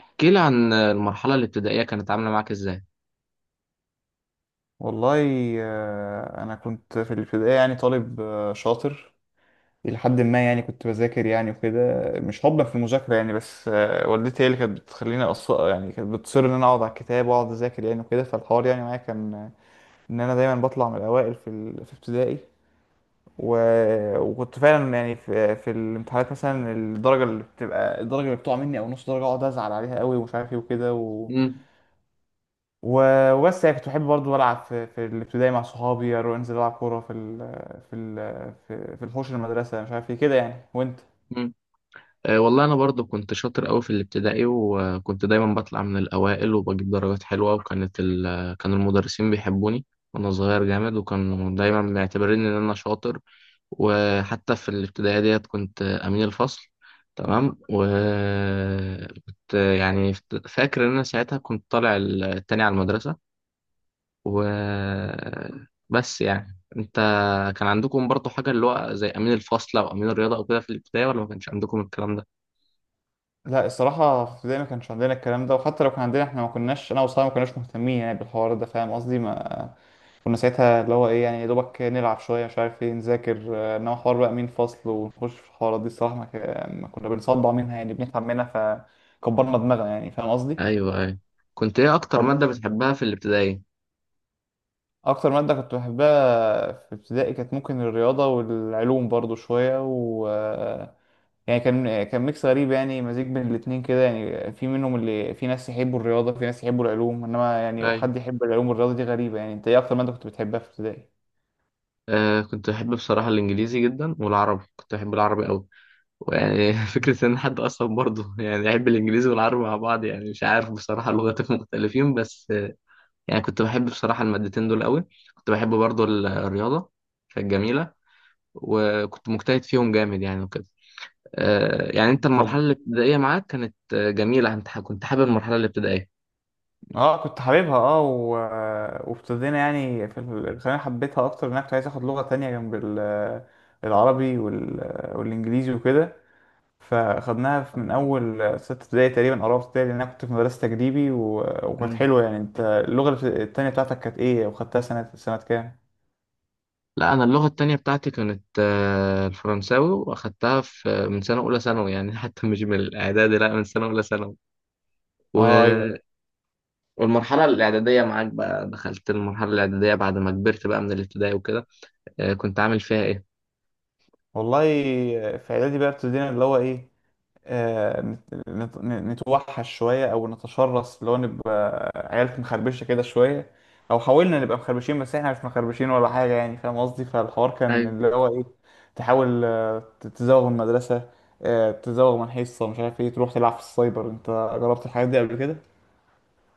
احكي لي عن المرحلة الابتدائية كانت عاملة معاك ازاي؟ والله انا كنت في الابتدائي يعني طالب شاطر الى حد ما. يعني كنت بذاكر يعني وكده، مش حبا في المذاكره يعني، بس والدتي هي اللي كانت بتخليني يعني كانت بتصر ان انا اقعد على الكتاب واقعد اذاكر يعني وكده. فالحوار يعني معايا كان ان انا دايما بطلع من الاوائل في ابتدائي. و... وكنت فعلا يعني في الامتحانات مثلا، الدرجه اللي بتقع مني او نص درجه اقعد ازعل عليها قوي ومش عارف ايه وكده امم، وبس. يعني كنت بحب برضه ألعب في الابتدائي مع صحابي، أروح أنزل ألعب كورة في ال في الحوش المدرسة، مش عارف إيه كده يعني. وأنت؟ امم. أه والله انا برضو كنت شاطر قوي في الابتدائي، وكنت دايما بطلع من الاوائل وبجيب درجات حلوة. وكانت كان المدرسين بيحبوني وانا صغير جامد، وكانوا دايما معتبرين ان انا شاطر. وحتى في الابتدائية ديت كنت امين الفصل. تمام. و كنت يعني فاكر ان انا ساعتها كنت طالع التاني على المدرسة. وبس، يعني انت كان عندكم برضو حاجة اللي هو زي أمين الفصل أو أمين الرياضة أو كده في الابتدائي، ولا ما كانش عندكم الكلام ده؟ لا الصراحة في ابتدائي ما كانش عندنا الكلام ده، وحتى لو كان عندنا إحنا ما كناش، أنا وصحابي ما كناش مهتمين يعني بالحوار ده. فاهم قصدي؟ ما كنا ساعتها اللي هو إيه، يعني يا دوبك نلعب شوية مش عارف إيه، نذاكر إنما حوار بقى مين فصل ونخش في الحوارات دي الصراحة، ما كنا بنصدع منها يعني بنتعب منها. فكبرنا دماغنا يعني. فاهم قصدي؟ أيوه، أيوه. كنت إيه أكتر مادة بتحبها في الابتدائي؟ اكتر ماده كنت بحبها في ابتدائي كانت ممكن الرياضه، والعلوم برضو شويه. يعني كان ميكس غريب يعني، مزيج بين الاتنين كده يعني. في منهم اللي، في ناس يحبوا الرياضه، في ناس يحبوا العلوم، انما يعني أيوه. حد يحب العلوم والرياضه دي غريبه يعني. انت ايه اكتر ماده كنت بتحبها في ابتدائي؟ آه، كنت بحب بصراحة الإنجليزي جدا، والعربي كنت بحب العربي أوي. ويعني فكرة إن حد أصلا برضه يعني يحب الإنجليزي والعربي مع بعض، يعني مش عارف بصراحة، لغتين مختلفين. بس يعني كنت بحب بصراحة المادتين دول أوي. كنت بحب برضه الرياضة، كانت جميلة. وكنت مجتهد فيهم جامد يعني وكده. يعني انت المرحله طب الابتدائيه معاك كانت جميله. انت كنت حابب المرحله الابتدائيه؟ اه كنت حاببها اه وابتدينا يعني الثانوية حبيتها اكتر، ان انا كنت عايز اخد لغة تانية جنب العربي والانجليزي وكده. فاخدناها من اول ستة ابتدائي تقريبا او رابعة ابتدائي، لان انا كنت في مدرسة تجريبي وكانت مم. حلوة يعني. انت اللغة التانية بتاعتك كانت ايه، وخدتها سنة سنة كام؟ لا، انا اللغه التانية بتاعتي كانت الفرنساوي، واخدتها في من سنه اولى ثانوي، يعني حتى مش من الاعدادي، لا، من سنه اولى ثانوي. اه ايوه. و- والمرحله الاعداديه معاك بقى، دخلت المرحله الاعداديه بعد ما كبرت بقى من الابتدائي وكده، كنت عامل فيها ايه؟ والله في اعدادي بقى ابتدينا اللي هو ايه، آه، نت- نت- نتوحش شوية أو نتشرس، اللي هو نبقى عيال مخربشة كده شوية، أو حاولنا نبقى مخربشين، بس إحنا مش مخربشين ولا حاجة يعني. فاهم قصدي؟ فالحوار كان ايوه. اللي هو إيه، تحاول تزوغ من المدرسة، تزوغ من حصة مش عارف إيه، تروح تلعب في السايبر. أنت جربت الحاجات دي قبل كده؟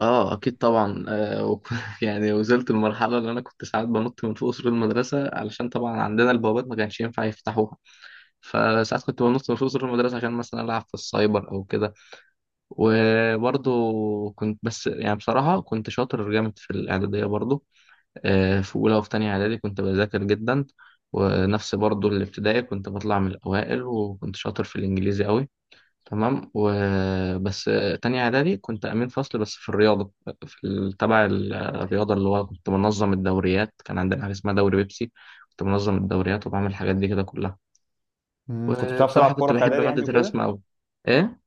اه اكيد طبعا. يعني وصلت المرحله اللي انا كنت ساعات بنط من فوق سور المدرسه، علشان طبعا عندنا البوابات ما كانش ينفع يفتحوها. فساعات كنت بنط من فوق سور المدرسة عشان مثلا ألعب في السايبر أو كده. وبرضه كنت، بس يعني بصراحة كنت شاطر جامد في الإعدادية برضه. في أولى وفي تانية إعدادي كنت بذاكر جدا، ونفس برضه الابتدائي كنت بطلع من الأوائل، وكنت شاطر في الإنجليزي أوي. تمام. وبس تانية إعدادي كنت أمين فصل بس في الرياضة. في تبع الرياضة، اللي هو كنت منظم الدوريات. كان عندنا حاجة اسمها دوري بيبسي، كنت منظم الدوريات وبعمل الحاجات دي كده كلها. مم، كنت بتعرف تلعب وبصراحة كنت كورة في بحب إعدادي مادة يعني الرسم وكده؟ أوي. إيه؟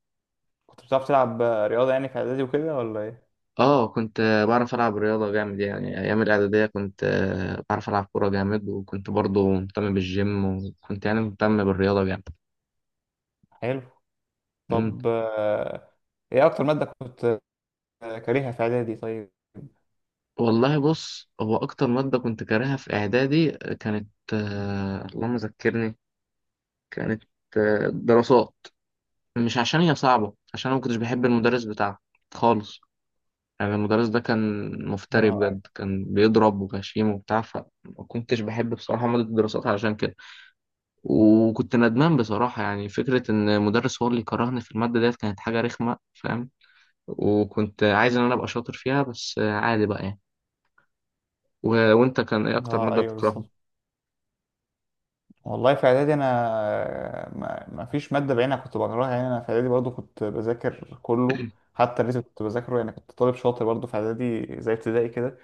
كنت بتعرف تلعب رياضة يعني في إعدادي وكده ولا إيه؟ آه كنت بعرف ألعب رياضة جامد، يعني أيام الإعدادية كنت بعرف ألعب كورة جامد، وكنت برضو مهتم بالجيم، وكنت يعني مهتم بالرياضة جامد. حلو. مم. طب إيه أكتر مادة كنت كارهها في إعدادي طيب؟ والله بص، هو أكتر مادة كنت كارهها في إعدادي كانت، اللهم ذكرني، كانت دراسات. مش عشان هي صعبة، عشان أنا ما كنتش بحب المدرس بتاعها خالص. يعني المدرس ده كان مفتري مم. بجد، كان بيضرب وغشيم وبتاع، فما كنتش بحب بصراحة مادة الدراسات علشان كده. وكنت ندمان بصراحة، يعني فكرة إن المدرس هو اللي كرهني في المادة ديت كانت حاجة رخمة، فاهم. وكنت عايز إن أنا أبقى شاطر فيها، بس عادي بقى يعني. و... وأنت كان إيه أكتر اه مادة ايوه بتكرهها؟ بالظبط. والله في اعدادي انا، ما فيش ماده بعينها كنت بكرهها يعني. انا في اعدادي برضو كنت بذاكر كله، حتى الريتم كنت بذاكره يعني. كنت طالب شاطر برضو في اعدادي زي ابتدائي كده.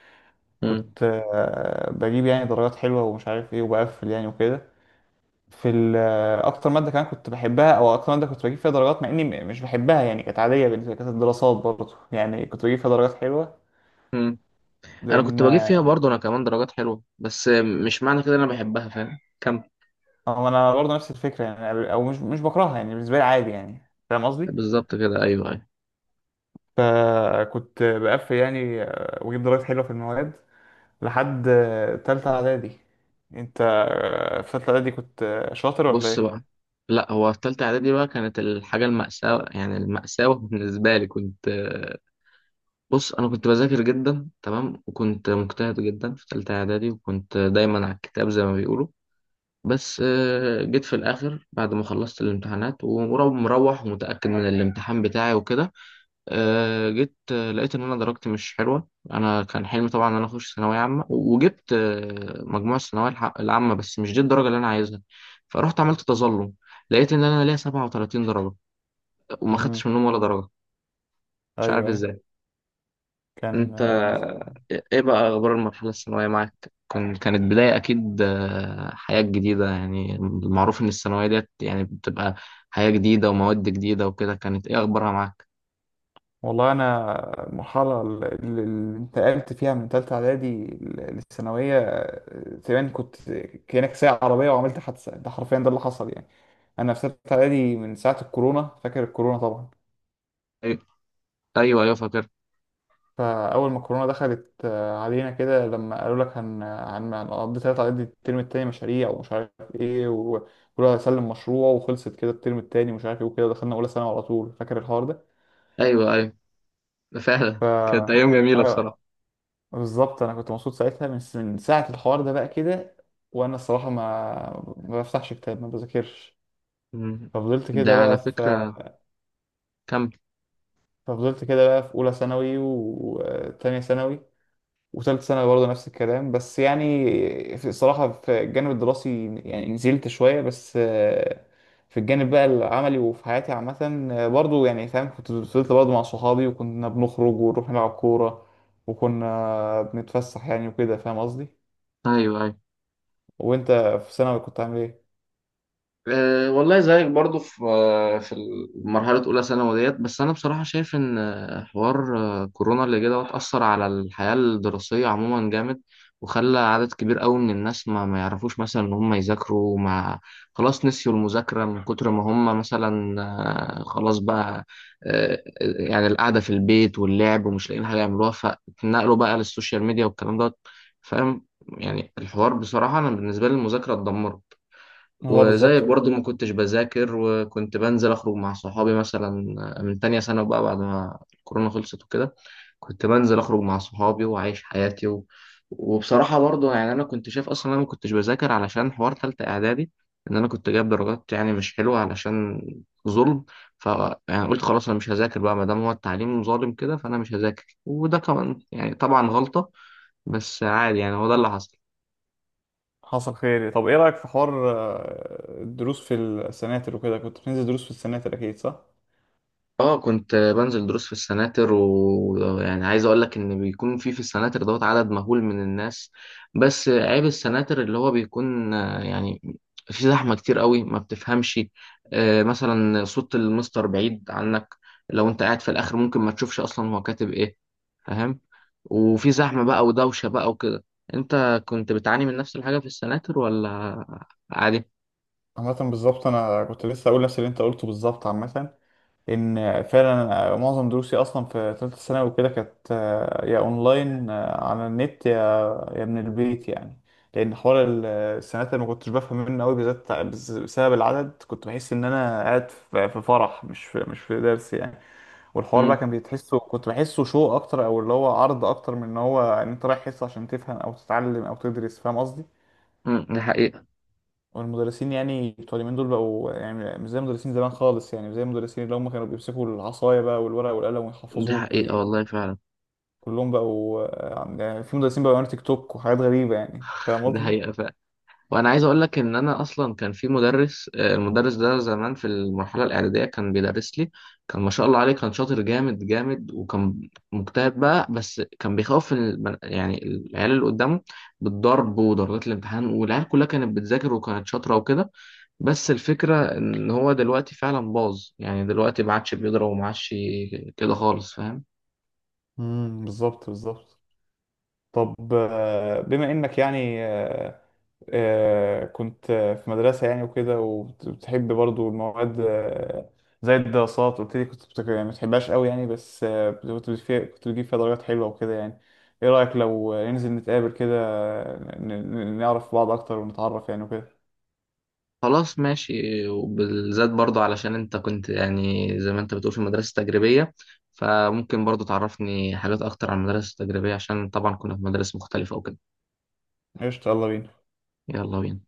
مم. كنت بجيب يعني درجات حلوه، ومش عارف ايه، وبقفل يعني وكده. في ال- آه، اكتر ماده كمان كنت بحبها، او اكتر ماده كنت بجيب فيها درجات مع اني مش بحبها يعني، كانت عاديه بالنسبه لي، كانت الدراسات برضو يعني كنت بجيب فيها درجات حلوه. مم. أنا لان كنت بجيب فيها برضه أنا كمان درجات حلوة، بس مش معنى كده إن أنا بحبها، فاهم كم. انا برضو نفس الفكره يعني، او مش بكرهها يعني، بالنسبه لي عادي يعني. فاهم قصدي؟ بالظبط كده، أيوه أيوه. فكنت بقفل يعني، واجيب درجات حلوه في المواد لحد تالتة اعدادي. انت في تالتة اعدادي كنت شاطر ولا بص ايه؟ بقى، لا هو في تالتة إعدادي بقى كانت الحاجة المأساة، يعني المأساة بالنسبة لي كنت، بص أنا كنت بذاكر جدا، تمام، وكنت مجتهد جدا في تالتة إعدادي، وكنت دايما على الكتاب زي ما بيقولوا. بس جيت في الآخر بعد ما خلصت الامتحانات ومروح مروح ومتأكد من الامتحان بتاعي وكده، جيت لقيت ان انا درجتي مش حلوه. انا كان حلمي طبعا ان انا اخش ثانويه عامه، وجبت مجموع الثانويه العامه، بس مش دي الدرجه اللي انا عايزها. فرحت عملت تظلم، لقيت ان انا ليا 37 درجه، وما امم خدتش منهم ولا درجه. مش ايوه عارف ايوه. ازاي. كان انت آه، كان- ايه بقى اخبار المرحله الثانويه معاك؟ كان كانت بدايه اكيد حياه جديده، يعني المعروف ان الثانويه ديت يعني بتبقى حياه جديده ومواد جديده وكده. كانت ايه اخبارها معاك؟ والله انا المرحله اللي اللي انتقلت فيها من تالتة اعدادي للثانويه تقريبا كنت كانك سايق عربيه وعملت حادثه، ده حرفيا ده اللي حصل يعني. انا في تالتة اعدادي من ساعه الكورونا، فاكر الكورونا طبعا؟ أي- ايوه ايوه فاكر. فأول ما الكورونا دخلت علينا كده، لما قالوا لك هنقضي تلات على قد الترم التاني مشاريع ومش عارف ايه، وكل واحد سلم مشروع، وخلصت كده الترم التاني ومش عارف ايه وكده، دخلنا أولى ثانوي على طول. فاكر الحوار ده؟ ايوه ايوه، فعلا ف كانت أيام جميلة آه، بصراحة. بالظبط، أنا كنت مبسوط ساعتها من ساعة الحوار ده بقى كده. وأنا الصراحة ما بفتحش كتاب، ما بذاكرش. مم. ففضلت ده كده على بقى في فكرة كمل. ففضلت كده بقى في أولى ثانوي وتانية ثانوي وثالث ثانوي برضه نفس الكلام، بس يعني في الصراحة في الجانب الدراسي يعني نزلت شوية. بس في الجانب بقى العملي وفي حياتي عامة، برضه يعني فاهم، كنت فضلت برضه مع صحابي، وكنا بنخرج ونروح نلعب كورة، وكنا بنتفسح يعني وكده، فاهم قصدي؟ أيوه أيوه. وانت في ثانوي كنت عامل ايه؟ أه والله زيك برضو في مرحلة أولى ثانوي ديت. بس أنا بصراحة شايف إن حوار كورونا اللي جه دوت أثر على الحياة الدراسية عموما جامد، وخلى عدد كبير قوي من الناس ما يعرفوش مثلا إن هم يذاكروا. ما، خلاص، نسيوا المذاكرة من كتر ما هم مثلا خلاص بقى، يعني القعدة في البيت واللعب، ومش لاقيين حاجة يعملوها، فاتنقلوا بقى للسوشيال ميديا والكلام دوت، فاهم. يعني الحوار بصراحة أنا بالنسبة لي المذاكرة اتدمرت. هو وزيك بالظبط برضو بالظبط. ما كنتش بذاكر، وكنت بنزل أخرج مع صحابي مثلا من تانية سنة بقى بعد ما الكورونا خلصت وكده. كنت بنزل أخرج مع صحابي وعايش حياتي. وبصراحة برضو يعني أنا كنت شايف أصلا أنا ما كنتش بذاكر علشان حوار تالتة إعدادي، إن أنا كنت جايب درجات يعني مش حلوة علشان ظلم. ف يعني قلت خلاص أنا مش هذاكر بقى، ما دام هو التعليم ظالم كده فأنا مش هذاكر. وده كمان يعني طبعا غلطة، بس عادي يعني، هو ده اللي حصل. حصل خير إيه؟ طب ايه رأيك في حوار الدروس في السناتر، وكده كنت بتنزل دروس في السناتر اكيد صح؟ اه كنت بنزل دروس في السناتر، ويعني عايز اقول لك ان بيكون في السناتر دوت عدد مهول من الناس، بس عيب السناتر اللي هو بيكون يعني في زحمة كتير قوي ما بتفهمش. مثلا صوت المستر بعيد عنك، لو انت قاعد في الاخر ممكن ما تشوفش اصلا هو كاتب ايه، فاهم. وفي زحمة بقى ودوشة بقى وكده. انت كنت بتعاني من نفس الحاجة في السناتر ولا عادي؟ عامة بالظبط انا كنت لسه اقول نفس اللي انت قلته بالظبط. عامة ان فعلا معظم دروسي اصلا في ثالثه ثانوي وكده كانت يا اونلاين على النت، يا من البيت يعني. لان حوار السنات اللي ما كنتش بفهم منه قوي بالذات بسبب العدد، كنت بحس ان انا قاعد في فرح مش في درس يعني. والحوار بقى مم. كان بيتحسه، كنت بحسه شو اكتر، او اللي هو عرض اكتر من ان هو ان انت رايح حصه عشان تفهم او تتعلم او تدرس. فاهم قصدي؟ مم، دي حقيقة. والمدرسين يعني بتوع اليومين دول بقوا يعني مش زي مدرسين زمان خالص يعني، مش زي المدرسين اللي هم كانوا بيمسكوا العصاية بقى والورق والقلم دي ويحفظوك. حقيقة والله فعلا. وكلهم بقوا يعني في مدرسين بقوا يعملوا تيك توك وحاجات غريبة يعني. فاهم دي قصدي؟ حقيقة. وانا عايز اقول لك ان انا اصلا كان في مدرس، المدرس ده زمان في المرحله الاعداديه كان بيدرس لي، كان ما شاء الله عليه، كان شاطر جامد جامد وكان مجتهد بقى، بس كان بيخوف يعني العيال اللي قدامه بالضرب وضربات الامتحان، والعيال كلها كانت بتذاكر وكانت شاطره وكده. بس الفكره ان هو دلوقتي فعلا باظ، يعني دلوقتي ما عادش بيضرب وما عادش كده خالص، فاهم. بالظبط بالظبط. طب بما انك يعني كنت في مدرسة يعني وكده، وبتحب برضو المواد زي الدراسات قلت لي، كنت يعني ما بتحبهاش قوي يعني، بس كنت بتجيب فيها درجات حلوة وكده يعني. ايه رأيك لو ننزل نتقابل كده، ن- نعرف بعض اكتر ونتعرف يعني وكده؟ خلاص ماشي. وبالذات برضه علشان انت كنت يعني زي ما انت بتقول في مدرسة تجريبية، فممكن برضه تعرفني حاجات اكتر عن المدرسة التجريبية، عشان طبعا كنا في مدارس مختلفة وكده. قشطة يلا بينا. يلا بينا.